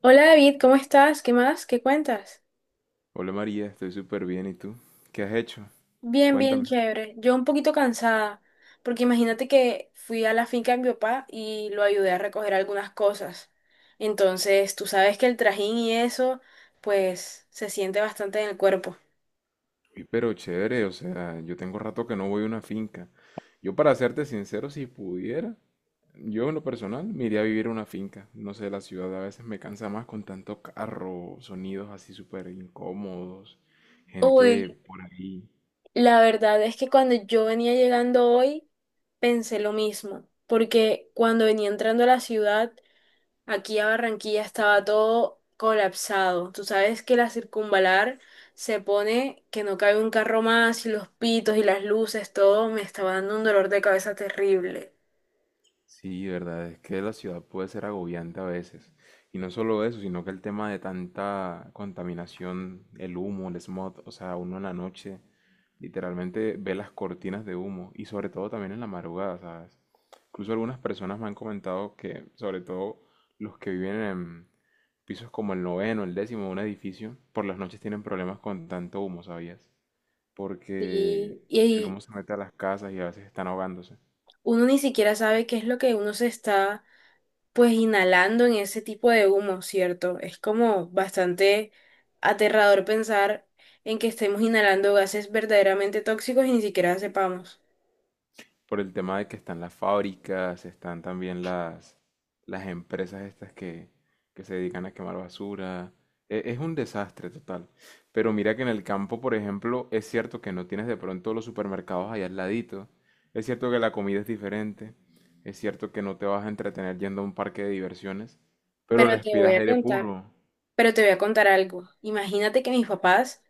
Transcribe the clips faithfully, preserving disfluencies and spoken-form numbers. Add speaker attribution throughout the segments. Speaker 1: Hola David, ¿cómo estás? ¿Qué más? ¿Qué cuentas?
Speaker 2: Hola María, estoy súper bien. ¿Y tú? ¿Qué has hecho?
Speaker 1: Bien, bien,
Speaker 2: Cuéntame.
Speaker 1: chévere. Yo un poquito cansada, porque imagínate que fui a la finca de mi papá y lo ayudé a recoger algunas cosas. Entonces, tú sabes que el trajín y eso, pues, se siente bastante en el cuerpo.
Speaker 2: Uy, pero chévere, o sea, yo tengo rato que no voy a una finca. Yo, para serte sincero, si pudiera, yo en lo personal me iría a vivir a una finca. No sé, la ciudad a veces me cansa más con tanto carro, sonidos así súper incómodos, gente
Speaker 1: Uy,
Speaker 2: por ahí.
Speaker 1: la verdad es que cuando yo venía llegando hoy, pensé lo mismo, porque cuando venía entrando a la ciudad, aquí a Barranquilla estaba todo colapsado. Tú sabes que la circunvalar se pone que no cabe un carro más y los pitos y las luces, todo me estaba dando un dolor de cabeza terrible.
Speaker 2: Sí, verdad, es que la ciudad puede ser agobiante a veces. Y no solo eso, sino que el tema de tanta contaminación, el humo, el smog, o sea, uno en la noche literalmente ve las cortinas de humo y sobre todo también en la madrugada, ¿sabes? Incluso algunas personas me han comentado que, sobre todo los que viven en pisos como el noveno, el décimo de un edificio, por las noches tienen problemas con tanto humo, ¿sabías?
Speaker 1: Y,
Speaker 2: Porque el humo
Speaker 1: y
Speaker 2: se mete a las casas y a veces están ahogándose.
Speaker 1: uno ni siquiera sabe qué es lo que uno se está pues inhalando en ese tipo de humo, ¿cierto? Es como bastante aterrador pensar en que estemos inhalando gases verdaderamente tóxicos y ni siquiera sepamos.
Speaker 2: Por el tema de que están las fábricas, están también las, las empresas estas que, que se dedican a quemar basura. E- Es, un desastre total. Pero mira que en el campo, por ejemplo, es cierto que no tienes de pronto los supermercados allá al ladito. Es cierto que la comida es diferente. Es cierto que no te vas a entretener yendo a un parque de diversiones. Pero
Speaker 1: Pero te voy
Speaker 2: respiras
Speaker 1: a
Speaker 2: aire
Speaker 1: contar.
Speaker 2: puro.
Speaker 1: Pero te voy a contar algo. Imagínate que mis papás,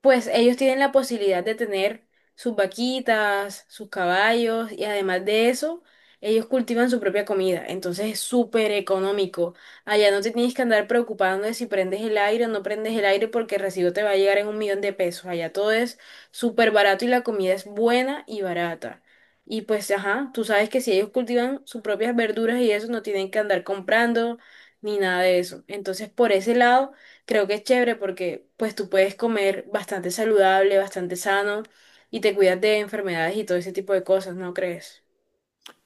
Speaker 1: pues ellos tienen la posibilidad de tener sus vaquitas, sus caballos y además de eso, ellos cultivan su propia comida. Entonces es súper económico. Allá no te tienes que andar preocupando de si prendes el aire o no prendes el aire porque el recibo te va a llegar en un millón de pesos. Allá todo es súper barato y la comida es buena y barata. Y pues, ajá, tú sabes que si ellos cultivan sus propias verduras y eso, no tienen que andar comprando ni nada de eso. Entonces, por ese lado creo que es chévere porque pues tú puedes comer bastante saludable, bastante sano y te cuidas de enfermedades y todo ese tipo de cosas, ¿no crees?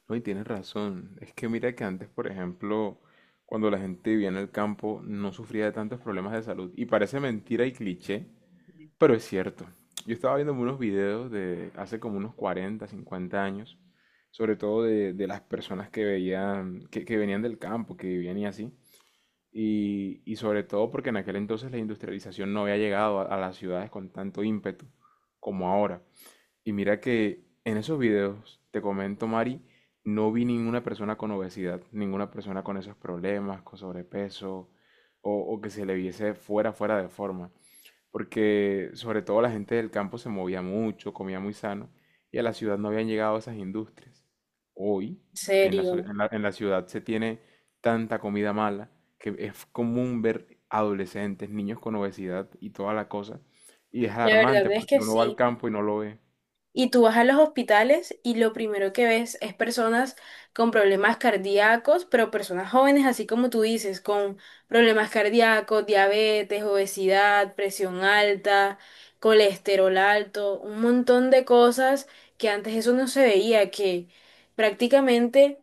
Speaker 2: No, y tienes razón. Es que mira que antes, por ejemplo, cuando la gente vivía en el campo, no sufría de tantos problemas de salud. Y parece mentira y cliché, pero es cierto. Yo estaba viendo unos videos de hace como unos cuarenta cincuenta años, sobre todo de, de las personas que veían, que, que venían del campo, que vivían y así. Y, y sobre todo porque en aquel entonces la industrialización no había llegado a a las ciudades con tanto ímpetu como ahora. Y mira que en esos videos, te comento, Mari, no vi ninguna persona con obesidad, ninguna persona con esos problemas, con sobrepeso, o, o que se le viese fuera, fuera de forma. Porque sobre todo la gente del campo se movía mucho, comía muy sano, y a la ciudad no habían llegado esas industrias. Hoy,
Speaker 1: En
Speaker 2: en la, so-
Speaker 1: serio.
Speaker 2: en la- en la ciudad se tiene tanta comida mala que es común ver adolescentes, niños con obesidad y toda la cosa. Y es
Speaker 1: La verdad
Speaker 2: alarmante
Speaker 1: es
Speaker 2: porque
Speaker 1: que
Speaker 2: uno va al
Speaker 1: sí.
Speaker 2: campo y no lo ve.
Speaker 1: Y tú vas a los hospitales y lo primero que ves es personas con problemas cardíacos, pero personas jóvenes, así como tú dices, con problemas cardíacos, diabetes, obesidad, presión alta, colesterol alto, un montón de cosas que antes eso no se veía, que prácticamente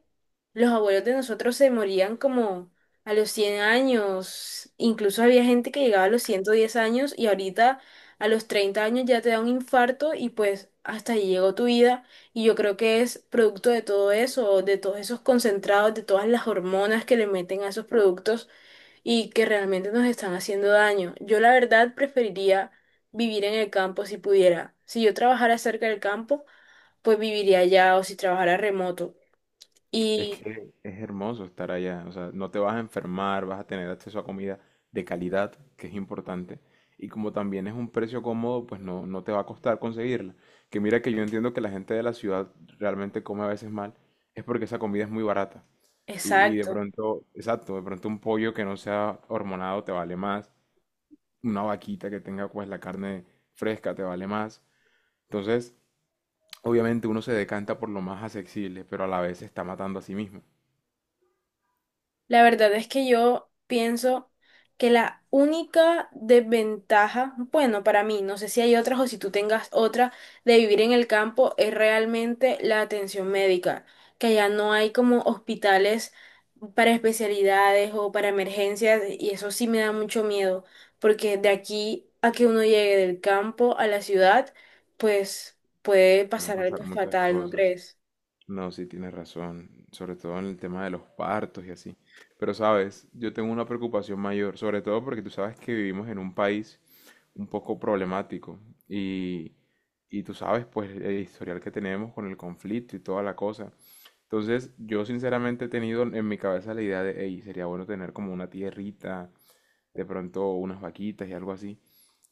Speaker 1: los abuelos de nosotros se morían como a los cien años, incluso había gente que llegaba a los ciento diez años y ahorita... A los treinta años ya te da un infarto y pues hasta ahí llegó tu vida. Y yo creo que es producto de todo eso, de todos esos concentrados, de todas las hormonas que le meten a esos productos y que realmente nos están haciendo daño. Yo la verdad preferiría vivir en el campo si pudiera. Si yo trabajara cerca del campo, pues viviría allá o si trabajara remoto.
Speaker 2: Es
Speaker 1: Y
Speaker 2: que es hermoso estar allá, o sea, no te vas a enfermar, vas a tener acceso a comida de calidad, que es importante, y como también es un precio cómodo, pues no, no te va a costar conseguirla. Que mira que yo entiendo que la gente de la ciudad realmente come a veces mal, es porque esa comida es muy barata. Y, y de
Speaker 1: exacto.
Speaker 2: pronto, exacto, de pronto un pollo que no sea hormonado te vale más, una vaquita que tenga pues la carne fresca te vale más. Entonces, obviamente uno se decanta por lo más accesible, pero a la vez se está matando a sí mismo.
Speaker 1: La verdad es que yo pienso que la única desventaja, bueno, para mí, no sé si hay otras o si tú tengas otra, de vivir en el campo es realmente la atención médica, que allá no hay como hospitales para especialidades o para emergencias y eso sí me da mucho miedo, porque de aquí a que uno llegue del campo a la ciudad, pues puede
Speaker 2: Pueden
Speaker 1: pasar algo
Speaker 2: pasar muchas
Speaker 1: fatal, ¿no
Speaker 2: cosas.
Speaker 1: crees?
Speaker 2: No, sí tienes razón, sobre todo en el tema de los partos y así. Pero sabes, yo tengo una preocupación mayor, sobre todo porque tú sabes que vivimos en un país un poco problemático y, y tú sabes pues el historial que tenemos con el conflicto y toda la cosa. Entonces, yo sinceramente he tenido en mi cabeza la idea de, hey, sería bueno tener como una tierrita, de pronto unas vaquitas y algo así.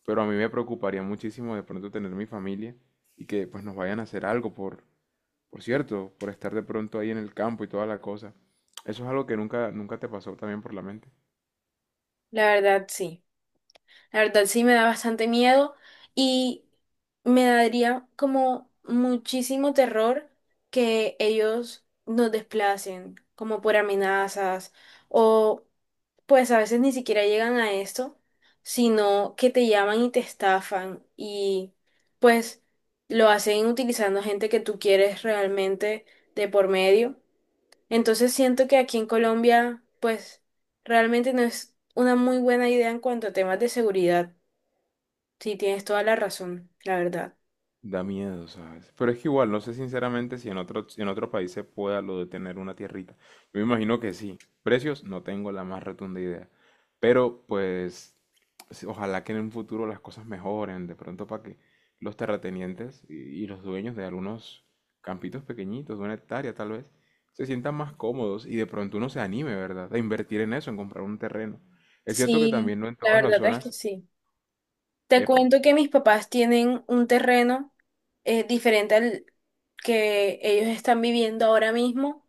Speaker 2: Pero a mí me preocuparía muchísimo de pronto tener mi familia y que pues nos vayan a hacer algo por, por cierto, por estar de pronto ahí en el campo y toda la cosa. Eso es algo que nunca, nunca te pasó también por la mente.
Speaker 1: La verdad, sí. La verdad sí me da bastante miedo y me daría como muchísimo terror que ellos nos desplacen, como por amenazas o pues a veces ni siquiera llegan a esto, sino que te llaman y te estafan y pues lo hacen utilizando gente que tú quieres realmente de por medio. Entonces siento que aquí en Colombia pues realmente no es una muy buena idea en cuanto a temas de seguridad. Sí, tienes toda la razón, la verdad.
Speaker 2: Da miedo, ¿sabes? Pero es que igual, no sé sinceramente si en otro, si en otro país se pueda lo de tener una tierrita. Yo me imagino que sí. Precios, no tengo la más rotunda idea. Pero pues, sí, ojalá que en un futuro las cosas mejoren, de pronto para que los terratenientes y, y los dueños de algunos campitos pequeñitos, de una hectárea tal vez, se sientan más cómodos y de pronto uno se anime, ¿verdad? A invertir en eso, en comprar un terreno. Es cierto que
Speaker 1: Sí,
Speaker 2: también no en
Speaker 1: la
Speaker 2: todas las
Speaker 1: verdad es que
Speaker 2: zonas,
Speaker 1: sí. Te
Speaker 2: epa.
Speaker 1: cuento que mis papás tienen un terreno, eh, diferente al que ellos están viviendo ahora mismo,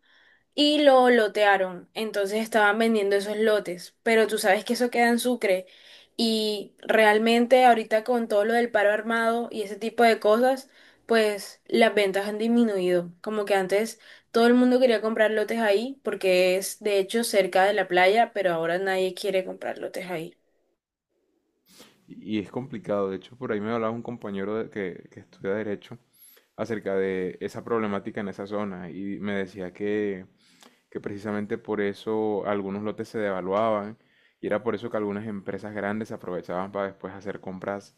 Speaker 1: y lo lotearon. Entonces estaban vendiendo esos lotes, pero tú sabes que eso queda en Sucre y realmente ahorita con todo lo del paro armado y ese tipo de cosas, pues las ventas han disminuido. Como que antes todo el mundo quería comprar lotes ahí porque es de hecho cerca de la playa, pero ahora nadie quiere comprar lotes ahí.
Speaker 2: Y es complicado, de hecho, por ahí me hablaba un compañero de- que, que estudia Derecho acerca de esa problemática en esa zona y me decía que que precisamente por eso algunos lotes se devaluaban y era por eso que algunas empresas grandes se aprovechaban para después hacer compras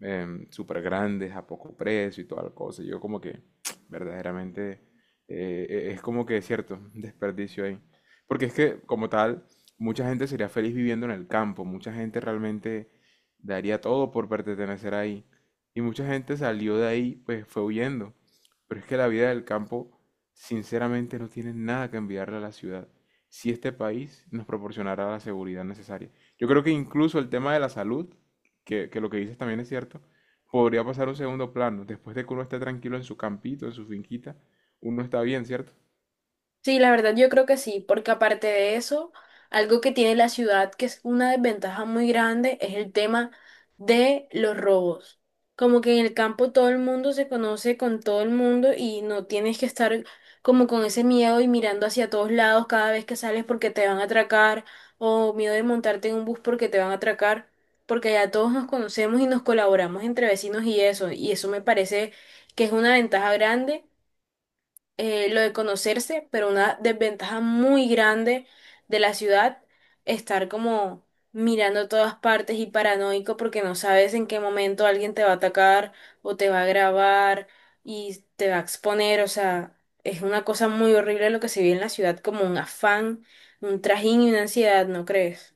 Speaker 2: em, súper grandes a poco precio y toda la cosa. Yo como que verdaderamente eh, eh, es como que es cierto, un desperdicio ahí. Porque es que como tal, mucha gente sería feliz viviendo en el campo, mucha gente realmente daría todo por pertenecer ahí. Y mucha gente salió de ahí, pues fue huyendo. Pero es que la vida del campo sinceramente no tienen nada que enviarle a la ciudad, si este país nos proporcionara la seguridad necesaria. Yo creo que incluso el tema de la salud, que, que lo que dices también es cierto, podría pasar a un segundo plano. Después de que uno esté tranquilo en su campito, en su finquita, uno está bien, ¿cierto?
Speaker 1: Sí, la verdad yo creo que sí, porque aparte de eso, algo que tiene la ciudad que es una desventaja muy grande es el tema de los robos. Como que en el campo todo el mundo se conoce con todo el mundo y no tienes que estar como con ese miedo y mirando hacia todos lados cada vez que sales porque te van a atracar o miedo de montarte en un bus porque te van a atracar, porque ya todos nos conocemos y nos colaboramos entre vecinos y eso, y eso me parece que es una ventaja grande, eh, lo de conocerse, pero una desventaja muy grande de la ciudad, estar como mirando todas partes y paranoico porque no sabes en qué momento alguien te va a atacar o te va a grabar y te va a exponer, o sea, es una cosa muy horrible lo que se vive en la ciudad, como un afán, un trajín y una ansiedad, ¿no crees?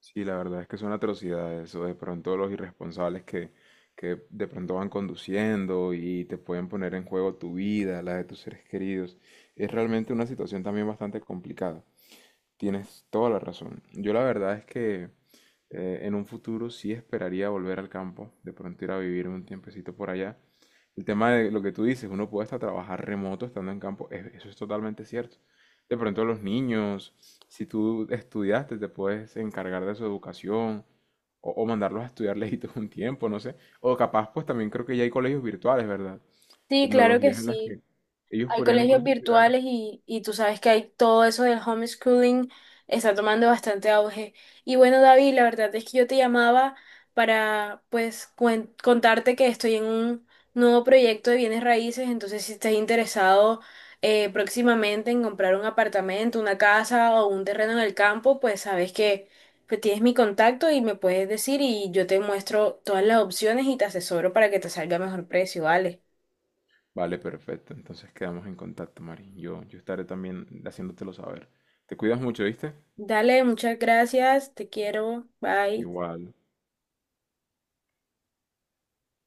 Speaker 2: Sí, la verdad es que son atrocidades o de pronto los irresponsables que, que de pronto van conduciendo y te pueden poner en juego tu vida, la de tus seres queridos. Es realmente una situación también bastante complicada. Tienes toda la razón. Yo la verdad es que eh, en un futuro sí esperaría volver al campo, de pronto ir a vivir un tiempecito por allá. El tema de lo que tú dices, uno puede hasta trabajar remoto estando en campo, es- eso es totalmente cierto. De pronto los niños, si tú estudiaste, te puedes encargar de su educación o, o mandarlos a estudiar lejitos un tiempo, no sé. O capaz, pues también creo que ya hay colegios virtuales, ¿verdad?
Speaker 1: Sí, claro que
Speaker 2: Tecnologías en las que
Speaker 1: sí.
Speaker 2: ellos
Speaker 1: Hay
Speaker 2: podrían
Speaker 1: colegios
Speaker 2: incluso estudiar.
Speaker 1: virtuales y, y tú sabes que hay todo eso del homeschooling, está tomando bastante auge. Y bueno, David, la verdad es que yo te llamaba para pues cuen- contarte que estoy en un nuevo proyecto de bienes raíces, entonces si estás interesado, eh, próximamente en comprar un apartamento, una casa o un terreno en el campo, pues sabes que pues, tienes mi contacto y me puedes decir y yo te muestro todas las opciones y te asesoro para que te salga mejor precio, ¿vale?
Speaker 2: Vale, perfecto. Entonces quedamos en contacto, Mari. Yo, yo estaré también haciéndotelo saber. Te cuidas mucho, ¿viste?
Speaker 1: Dale, muchas gracias, te quiero, bye.
Speaker 2: Igual.